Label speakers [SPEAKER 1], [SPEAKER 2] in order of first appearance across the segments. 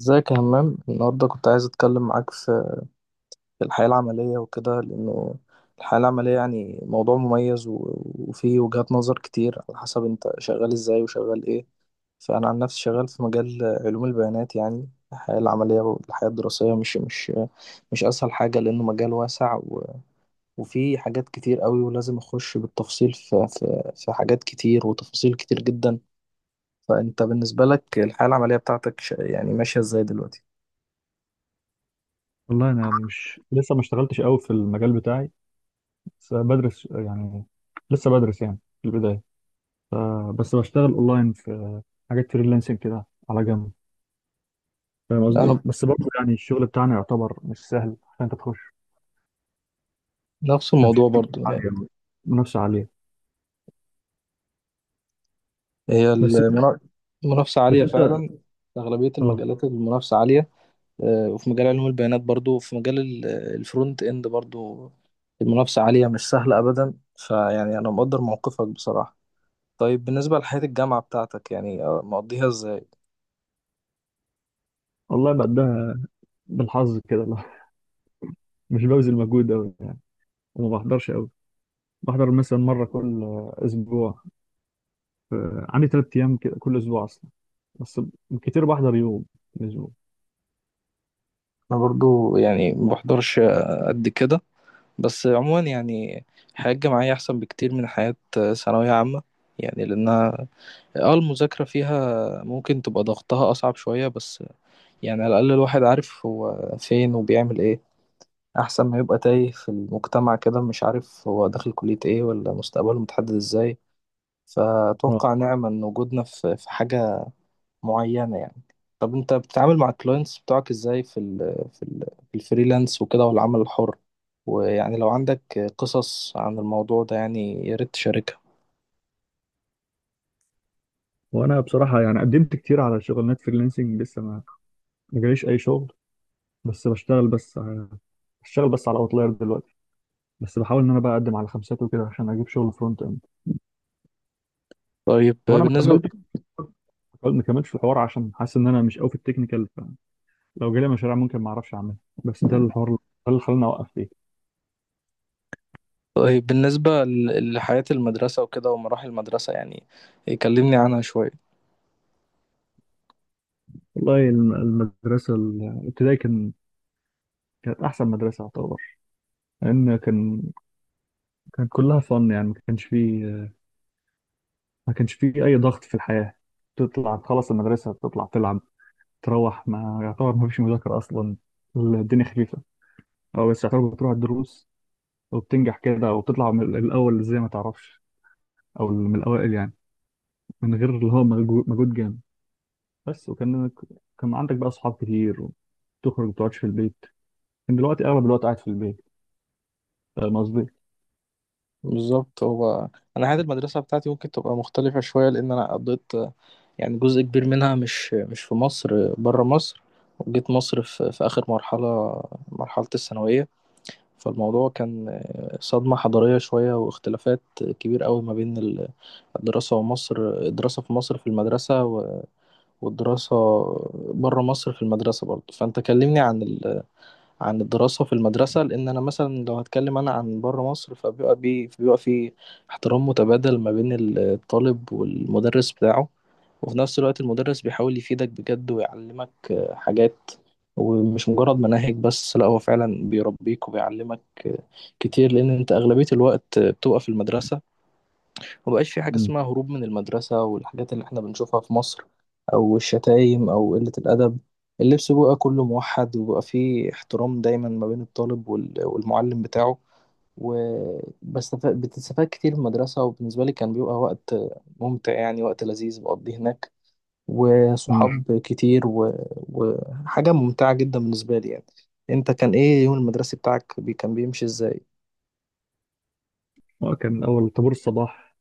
[SPEAKER 1] ازيك يا همام؟ النهارده كنت عايز اتكلم معاك في الحياة العملية وكده، لانه الحياة العملية يعني موضوع مميز وفيه وجهات نظر كتير على حسب انت شغال ازاي وشغال ايه. فانا عن نفسي شغال في مجال علوم البيانات، يعني الحياة العملية والحياة الدراسية مش اسهل حاجة، لانه مجال واسع وفيه حاجات كتير قوي، ولازم اخش بالتفصيل في حاجات كتير وتفاصيل كتير جدا. فانت بالنسبة لك الحياة العملية بتاعتك يعني ماشية ازاي دلوقتي؟
[SPEAKER 2] والله انا مش لسه ما اشتغلتش قوي في المجال بتاعي، بس بدرس لسه بدرس يعني في البدايه. ف- بس بشتغل اونلاين في حاجات فريلانسنج كده على جنب. فاهم قصدي؟
[SPEAKER 1] انا
[SPEAKER 2] بس برضه يعني الشغل بتاعنا يعتبر مش سهل عشان انت تخش.
[SPEAKER 1] نفس
[SPEAKER 2] كان في
[SPEAKER 1] الموضوع برضو
[SPEAKER 2] منافسه
[SPEAKER 1] يعني.
[SPEAKER 2] عاليه أوي، منافسه عاليه.
[SPEAKER 1] هي
[SPEAKER 2] بس انت
[SPEAKER 1] المنا- المنافسة
[SPEAKER 2] بس
[SPEAKER 1] عالية
[SPEAKER 2] انت
[SPEAKER 1] فعلا، في أغلبية
[SPEAKER 2] اه.
[SPEAKER 1] المجالات المنافسة عالية. وفي مجال علوم البيانات برضو، وفي مجال الفرونت إند برضو، المنافسة عالية مش سهلة أبدا، فيعني أنا مقدر موقفك بصراحة. طيب بالنسبة لحياة الجامعة بتاعتك، يعني مقضيها إزاي؟
[SPEAKER 2] والله بقدها بالحظ كده، لا مش ببذل مجهود قوي يعني، وما بحضرش قوي. بحضر مثلا مره كل اسبوع. ف- عندي ثلاث ايام كده كل اسبوع اصلا، بس كتير بحضر يوم في الأسبوع.
[SPEAKER 1] أنا برضو يعني ما بحضرش قد كده، بس عموما يعني الحياة الجامعية أحسن بكتير من حياة ثانوية عامة، يعني لأنها اه المذاكرة فيها ممكن تبقى ضغطها أصعب شوية، بس يعني على الأقل الواحد عارف هو فين وبيعمل إيه، أحسن ما يبقى تايه في المجتمع كده مش عارف هو داخل كلية إيه ولا مستقبله متحدد إزاي.
[SPEAKER 2] اه
[SPEAKER 1] فأتوقع نعمة إن وجودنا في حاجة معينة يعني. طب أنت بتتعامل مع الكلاينتس بتوعك إزاي في ال في الفريلانس وكده والعمل الحر، ويعني لو عندك قصص عن الموضوع ده يعني يا ريت تشاركها.
[SPEAKER 2] وانا بصراحه يعني قدمت كتير على شغلانات فريلانسنج لسه ما جاليش اي شغل. بس بشتغل بس ع- بشتغل بس على اوتلاير دلوقتي، بس بحاول ان انا بقى اقدم على خمسات وكده عشان اجيب شغل فرونت اند.
[SPEAKER 1] طيب
[SPEAKER 2] هو انا ما
[SPEAKER 1] بالنسبة
[SPEAKER 2] كملتش ما كملتش في الحوار عشان حاسس ان انا مش قوي في التكنيكال، فلو جالي مشاريع ممكن ما اعرفش اعملها. بس ده الحوار ده اللي خلاني اوقف فيه.
[SPEAKER 1] طيب بالنسبة لحياة المدرسة وكده ومراحل المدرسة، يعني يكلمني عنها شوية.
[SPEAKER 2] والله المدرسه الابتدائي كانت احسن مدرسه اعتبر، لان كان كلها فن يعني ما كانش فيه اي ضغط في الحياه. تطلع تخلص المدرسة تطلع تلعب تروح، ما يعتبر ما فيش مذاكرة أصلا، الدنيا خفيفة. أو بس يعتبر بتروح الدروس وبتنجح كده وبتطلع من الأول زي ما تعرفش، أو من الأوائل يعني، من غير اللي هو مجهود جامد بس. وكان عندك بقى أصحاب كتير وتخرج ما بتقعدش في البيت. كان دلوقتي أغلب الوقت قاعد في البيت. فاهم قصدي؟
[SPEAKER 1] بالظبط. هو أنا حياة المدرسة بتاعتي ممكن تبقى مختلفة شوية، لأن أنا قضيت يعني جزء كبير منها مش في مصر، برا مصر، وجيت مصر في آخر مرحلة، مرحلة الثانوية. فالموضوع كان صدمة حضارية شوية واختلافات كبير قوي ما بين الدراسة، ومصر الدراسة في مصر في المدرسة، والدراسة برا مصر في المدرسة برضه. فأنت كلمني عن الدراسة في المدرسة، لأن أنا مثلا لو هتكلم أنا عن بره مصر فبيبقى بي بيبقى في احترام متبادل ما بين الطالب والمدرس بتاعه، وفي نفس الوقت المدرس بيحاول يفيدك بجد ويعلمك حاجات، ومش مجرد مناهج بس، لا هو فعلا بيربيك وبيعلمك آه، كتير، لأن أنت أغلبية الوقت بتبقى في المدرسة. مبقاش في حاجة
[SPEAKER 2] مم.
[SPEAKER 1] اسمها هروب من المدرسة والحاجات اللي احنا بنشوفها في مصر، أو الشتايم أو قلة الأدب. اللبس بقى كله موحد، وبقى فيه احترام دايما ما بين الطالب والمعلم بتاعه. بتستفاد كتير من المدرسة، وبالنسبة لي كان بيبقى وقت ممتع يعني، وقت لذيذ بقضيه هناك،
[SPEAKER 2] امم،
[SPEAKER 1] وصحاب كتير وحاجة ممتعة جدا بالنسبة لي يعني. انت كان ايه يوم المدرسي بتاعك كان بيمشي ازاي؟
[SPEAKER 2] اه، كان اول طابور الصباح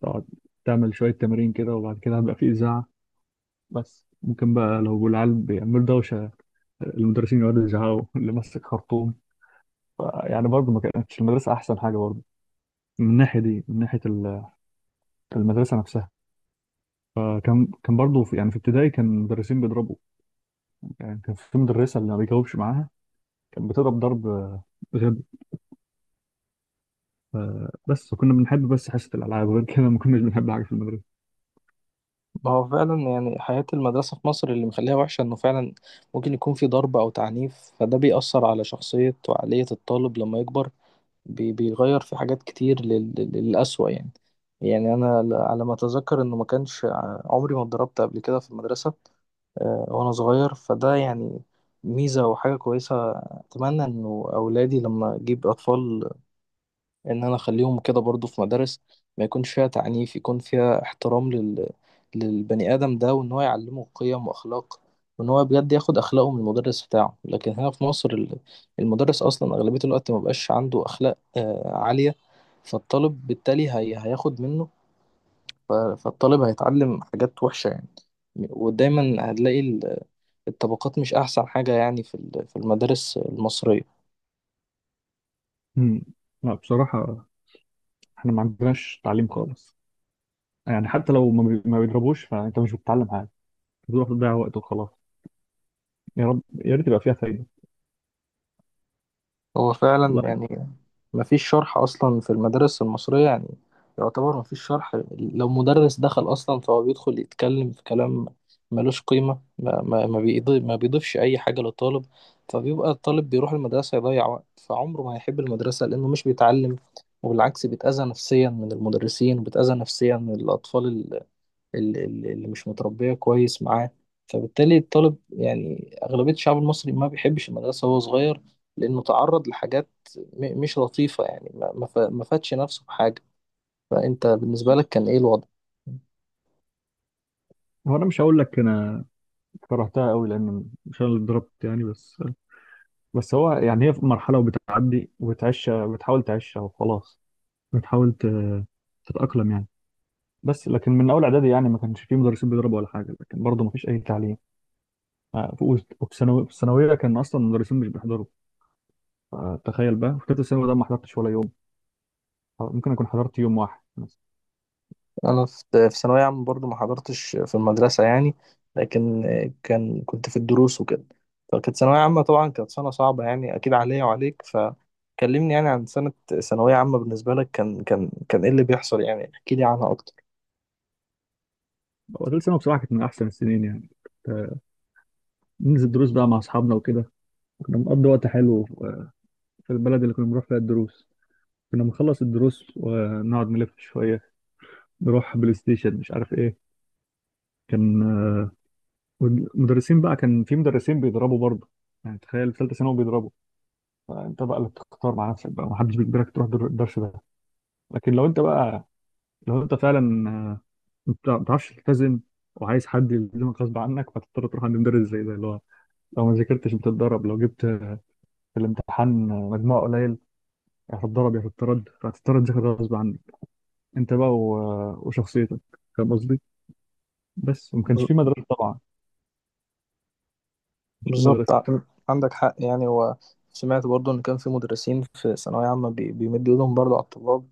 [SPEAKER 2] تقعد تعمل شويه تمارين كده، وبعد كده هيبقى في اذاعه. بس ممكن بقى لو العيال بيعملوا دوشه، المدرسين يقعدوا يزعقوا، اللي ماسك خرطوم. يعني برضه ما كانتش المدرسة أحسن حاجة برضه من الناحية دي، من ناحية المدرسة نفسها. فكان برضه في يعني في ابتدائي كان المدرسين بيضربوا. يعني كان في مدرسة اللي ما بيجاوبش معاها كانت بتضرب ضرب غبي. ف- بس كنا بنحب بس حصة الألعاب، غير كده ما كناش بنحب حاجة في المدرسة.
[SPEAKER 1] ما هو فعلا يعني حياة المدرسة في مصر اللي مخليها وحشة إنه فعلا ممكن يكون في ضرب أو تعنيف، فده بيأثر على شخصية وعقلية الطالب لما يكبر، بيغير في حاجات كتير للأسوأ يعني. يعني أنا على ما أتذكر إنه ما كانش عمري ما اتضربت قبل كده في المدرسة وأنا صغير، فده يعني ميزة وحاجة كويسة. أتمنى إنه أولادي لما أجيب أطفال ان انا اخليهم كده برضو في مدارس ما يكونش فيها تعنيف، يكون فيها احترام للبني ادم ده، وان هو يعلمه قيم واخلاق، وان هو بجد ياخد اخلاقه من المدرس بتاعه. لكن هنا في مصر المدرس اصلا اغلبية الوقت ما بقاش عنده اخلاق عالية، فالطالب بالتالي هياخد منه، فالطالب هيتعلم حاجات وحشة يعني. ودايما هتلاقي الطبقات مش احسن حاجة يعني في المدارس المصرية.
[SPEAKER 2] مم. لا بصراحة احنا ما عندناش تعليم خالص. يعني حتى لو ما بيضربوش فأنت مش بتتعلم حاجة، بتروح تضيع وقت وخلاص. يا رب يا ريت يبقى فيها فايدة.
[SPEAKER 1] هو فعلا
[SPEAKER 2] والله
[SPEAKER 1] يعني مفيش شرح أصلا في المدارس المصرية يعني. يعتبر مفيش شرح، لو مدرس دخل أصلا فهو بيدخل يتكلم في كلام ملوش قيمة، ما بيضيفش أي حاجة للطالب. فبيبقى الطالب بيروح المدرسة يضيع وقت، فعمره ما هيحب المدرسة لأنه مش بيتعلم، وبالعكس بيتأذى نفسيا من المدرسين، وبيتأذى نفسيا من الأطفال اللي مش متربية كويس معاه. فبالتالي الطالب، يعني أغلبية الشعب المصري، ما بيحبش المدرسة وهو صغير، لأنه تعرض لحاجات مش لطيفة يعني، ما فادش نفسه بحاجة. فأنت بالنسبة لك كان إيه الوضع؟
[SPEAKER 2] هو أنا مش هقول لك أنا كرهتها قوي، لأن مش أنا اللي اتضربت يعني. بس بس هو يعني هي في مرحلة وبتعدي وبتعيش، بتحاول تعيشها وخلاص، بتحاول تتأقلم يعني. بس لكن من أول إعدادي يعني ما كانش فيه مدرسين بيضربوا ولا حاجة، لكن برضه ما فيش أي تعليم. آه، ف- وفي في الثانوية كان أصلا المدرسين مش بيحضروا. تخيل بقى في تالتة ثانوي ده ما حضرتش ولا يوم. ممكن أكون حضرت يوم واحد مثلا.
[SPEAKER 1] أنا في ثانوية عامة برضو ما حضرتش في المدرسة يعني، لكن كنت في الدروس وكده. فكانت ثانوية عامة طبعا، كانت سنة صعبة يعني أكيد عليا وعليك، فكلمني يعني عن سنة ثانوية عامة بالنسبة لك. كان إيه اللي بيحصل يعني؟ احكي لي عنها أكتر.
[SPEAKER 2] هو تالتة ثانوي بصراحة كانت من أحسن السنين يعني. آه، ننزل دروس بقى مع أصحابنا وكده، كنا بنقضي وقت حلو آه، في البلد اللي كنا بنروح فيها الدروس. كنا بنخلص الدروس ونقعد نلف شوية، نروح بلاي ستيشن مش عارف ايه. كان، آه، والمدرسين بقى كان في مدرسين بيضربوا برضه. يعني تخيل في ثالثه ثانوي بيضربوا. فانت بقى اللي بتختار مع نفسك بقى، محدش بيجبرك تروح الدرس ده. لكن لو انت بقى، لو انت فعلا آه، انت ما بتعرفش تلتزم وعايز حد يلزمك غصب عنك، فتضطر تروح عند مدرس زي ده اللي هو لو ما ذاكرتش بتتضرب، لو جبت آه، في الامتحان مجموع قليل، يا هتتضرب يا هتترد، فهتضطر تذاكر غصب عنك انت بقى وشخصيتك. فاهم قصدي؟ بس وما كانش في مدرسه طبعا، مش في
[SPEAKER 1] بالظبط.
[SPEAKER 2] مدرسه.
[SPEAKER 1] عندك حق يعني. هو سمعت برضو ان كان في مدرسين في ثانوية عامة بيمدوا ايدهم برضو على الطلاب،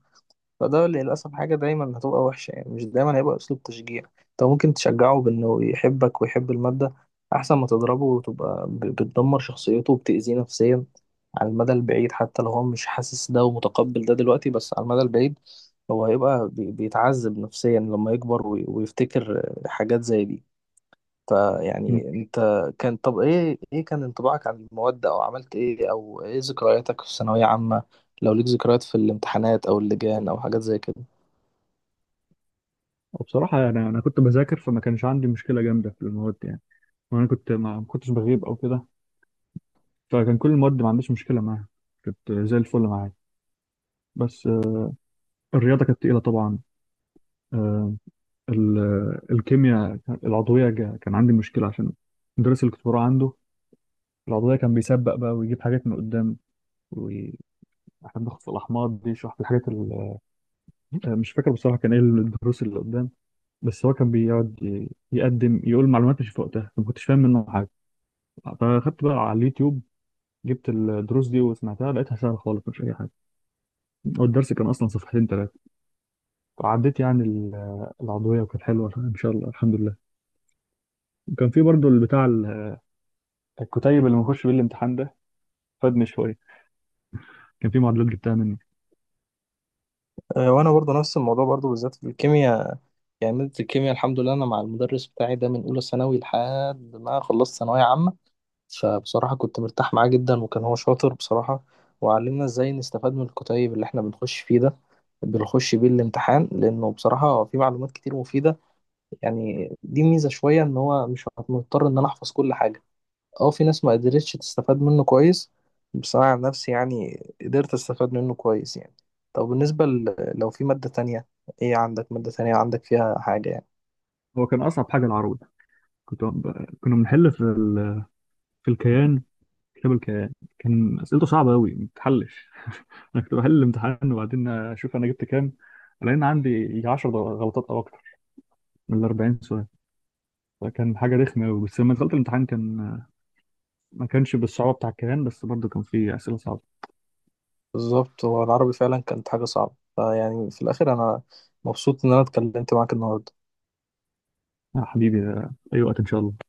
[SPEAKER 1] فده للأسف حاجة دايما هتبقى وحشة يعني. مش دايما هيبقى أسلوب تشجيع، انت ممكن تشجعه بأنه يحبك ويحب المادة، أحسن ما تضربه وتبقى بتدمر شخصيته وبتأذيه نفسيا على المدى البعيد. حتى لو هو مش حاسس ده ومتقبل ده دلوقتي، بس على المدى البعيد هو هيبقى بيتعذب نفسيا لما يكبر ويفتكر حاجات زي دي. فيعني انت طب ايه كان انطباعك عن المواد، او عملت ايه، او ايه ذكرياتك في ثانوية عامة؟ لو ليك ذكريات في الامتحانات او اللجان او حاجات زي كده.
[SPEAKER 2] وبصراحة أنا كنت بذاكر، فما كانش عندي مشكلة جامدة في المواد يعني. وأنا كنت ما كنتش بغيب أو كده، فكان كل المواد ما عنديش مشكلة معاها، كنت زي الفل معايا. بس آه، الرياضة كانت تقيلة طبعا. آه، الكيمياء العضوية كان عندي مشكلة عشان المدرس اللي كنت بروح عنده العضوية كان بيسبق بقى ويجيب حاجات من قدام، وإحنا بناخد في الأحماض دي يشرح الحاجات مش فاكر بصراحة كان إيه الدروس اللي قدام. بس هو كان بيقعد يقدم يقول معلومات مش في وقتها، ما كنتش فاهم منه حاجة. فاخدت بقى على اليوتيوب، جبت الدروس دي وسمعتها، لقيتها سهله خالص مش اي حاجه. هو الدرس كان اصلا صفحتين ثلاثه. وعديت يعني العضويه وكانت حلوه ان شاء الله الحمد لله. وكان في برضو البتاع الكتيب اللي بنخش بيه الامتحان ده فادني شويه، كان في معادلات جبتها منه.
[SPEAKER 1] اه، وانا برضو نفس الموضوع برضو، بالذات في الكيمياء. يعني مادة الكيمياء، الحمد لله، انا مع المدرس بتاعي ده من اولى ثانوي لحد ما خلصت ثانوية عامة. فبصراحة كنت مرتاح معاه جدا، وكان هو شاطر بصراحة، وعلمنا ازاي نستفاد من الكتيب اللي احنا بنخش فيه ده، بنخش بيه الامتحان، لانه بصراحة في معلومات كتير مفيدة يعني. دي ميزة شوية إن هو مش مضطر إن أنا أحفظ كل حاجة. أه، في ناس ما قدرتش تستفاد منه كويس، بس أنا عن نفسي يعني قدرت أستفاد منه كويس يعني. طب بالنسبة لو في مادة تانية، إيه عندك مادة تانية عندك فيها حاجة يعني؟
[SPEAKER 2] هو كان اصعب حاجه العروض. كنا بنحل في ال... في الكيان، كتاب الكيان كان اسئلته صعبه قوي ما بتحلش. انا كنت بحل الامتحان وبعدين اشوف انا جبت كام، لان عندي يجي 10 غلطات او اكتر من ال 40 سؤال. فكان حاجه رخمه قوي، بس لما دخلت الامتحان كان ما كانش بالصعوبة بتاع الكيهان، بس برضه كان فيه أسئلة صعبة.
[SPEAKER 1] بالظبط. هو العربي فعلا كانت حاجة صعبة. فيعني في الآخر، أنا مبسوط إن أنا اتكلمت معاك النهاردة.
[SPEAKER 2] يا حبيبي، آه، أي وقت إن شاء الله.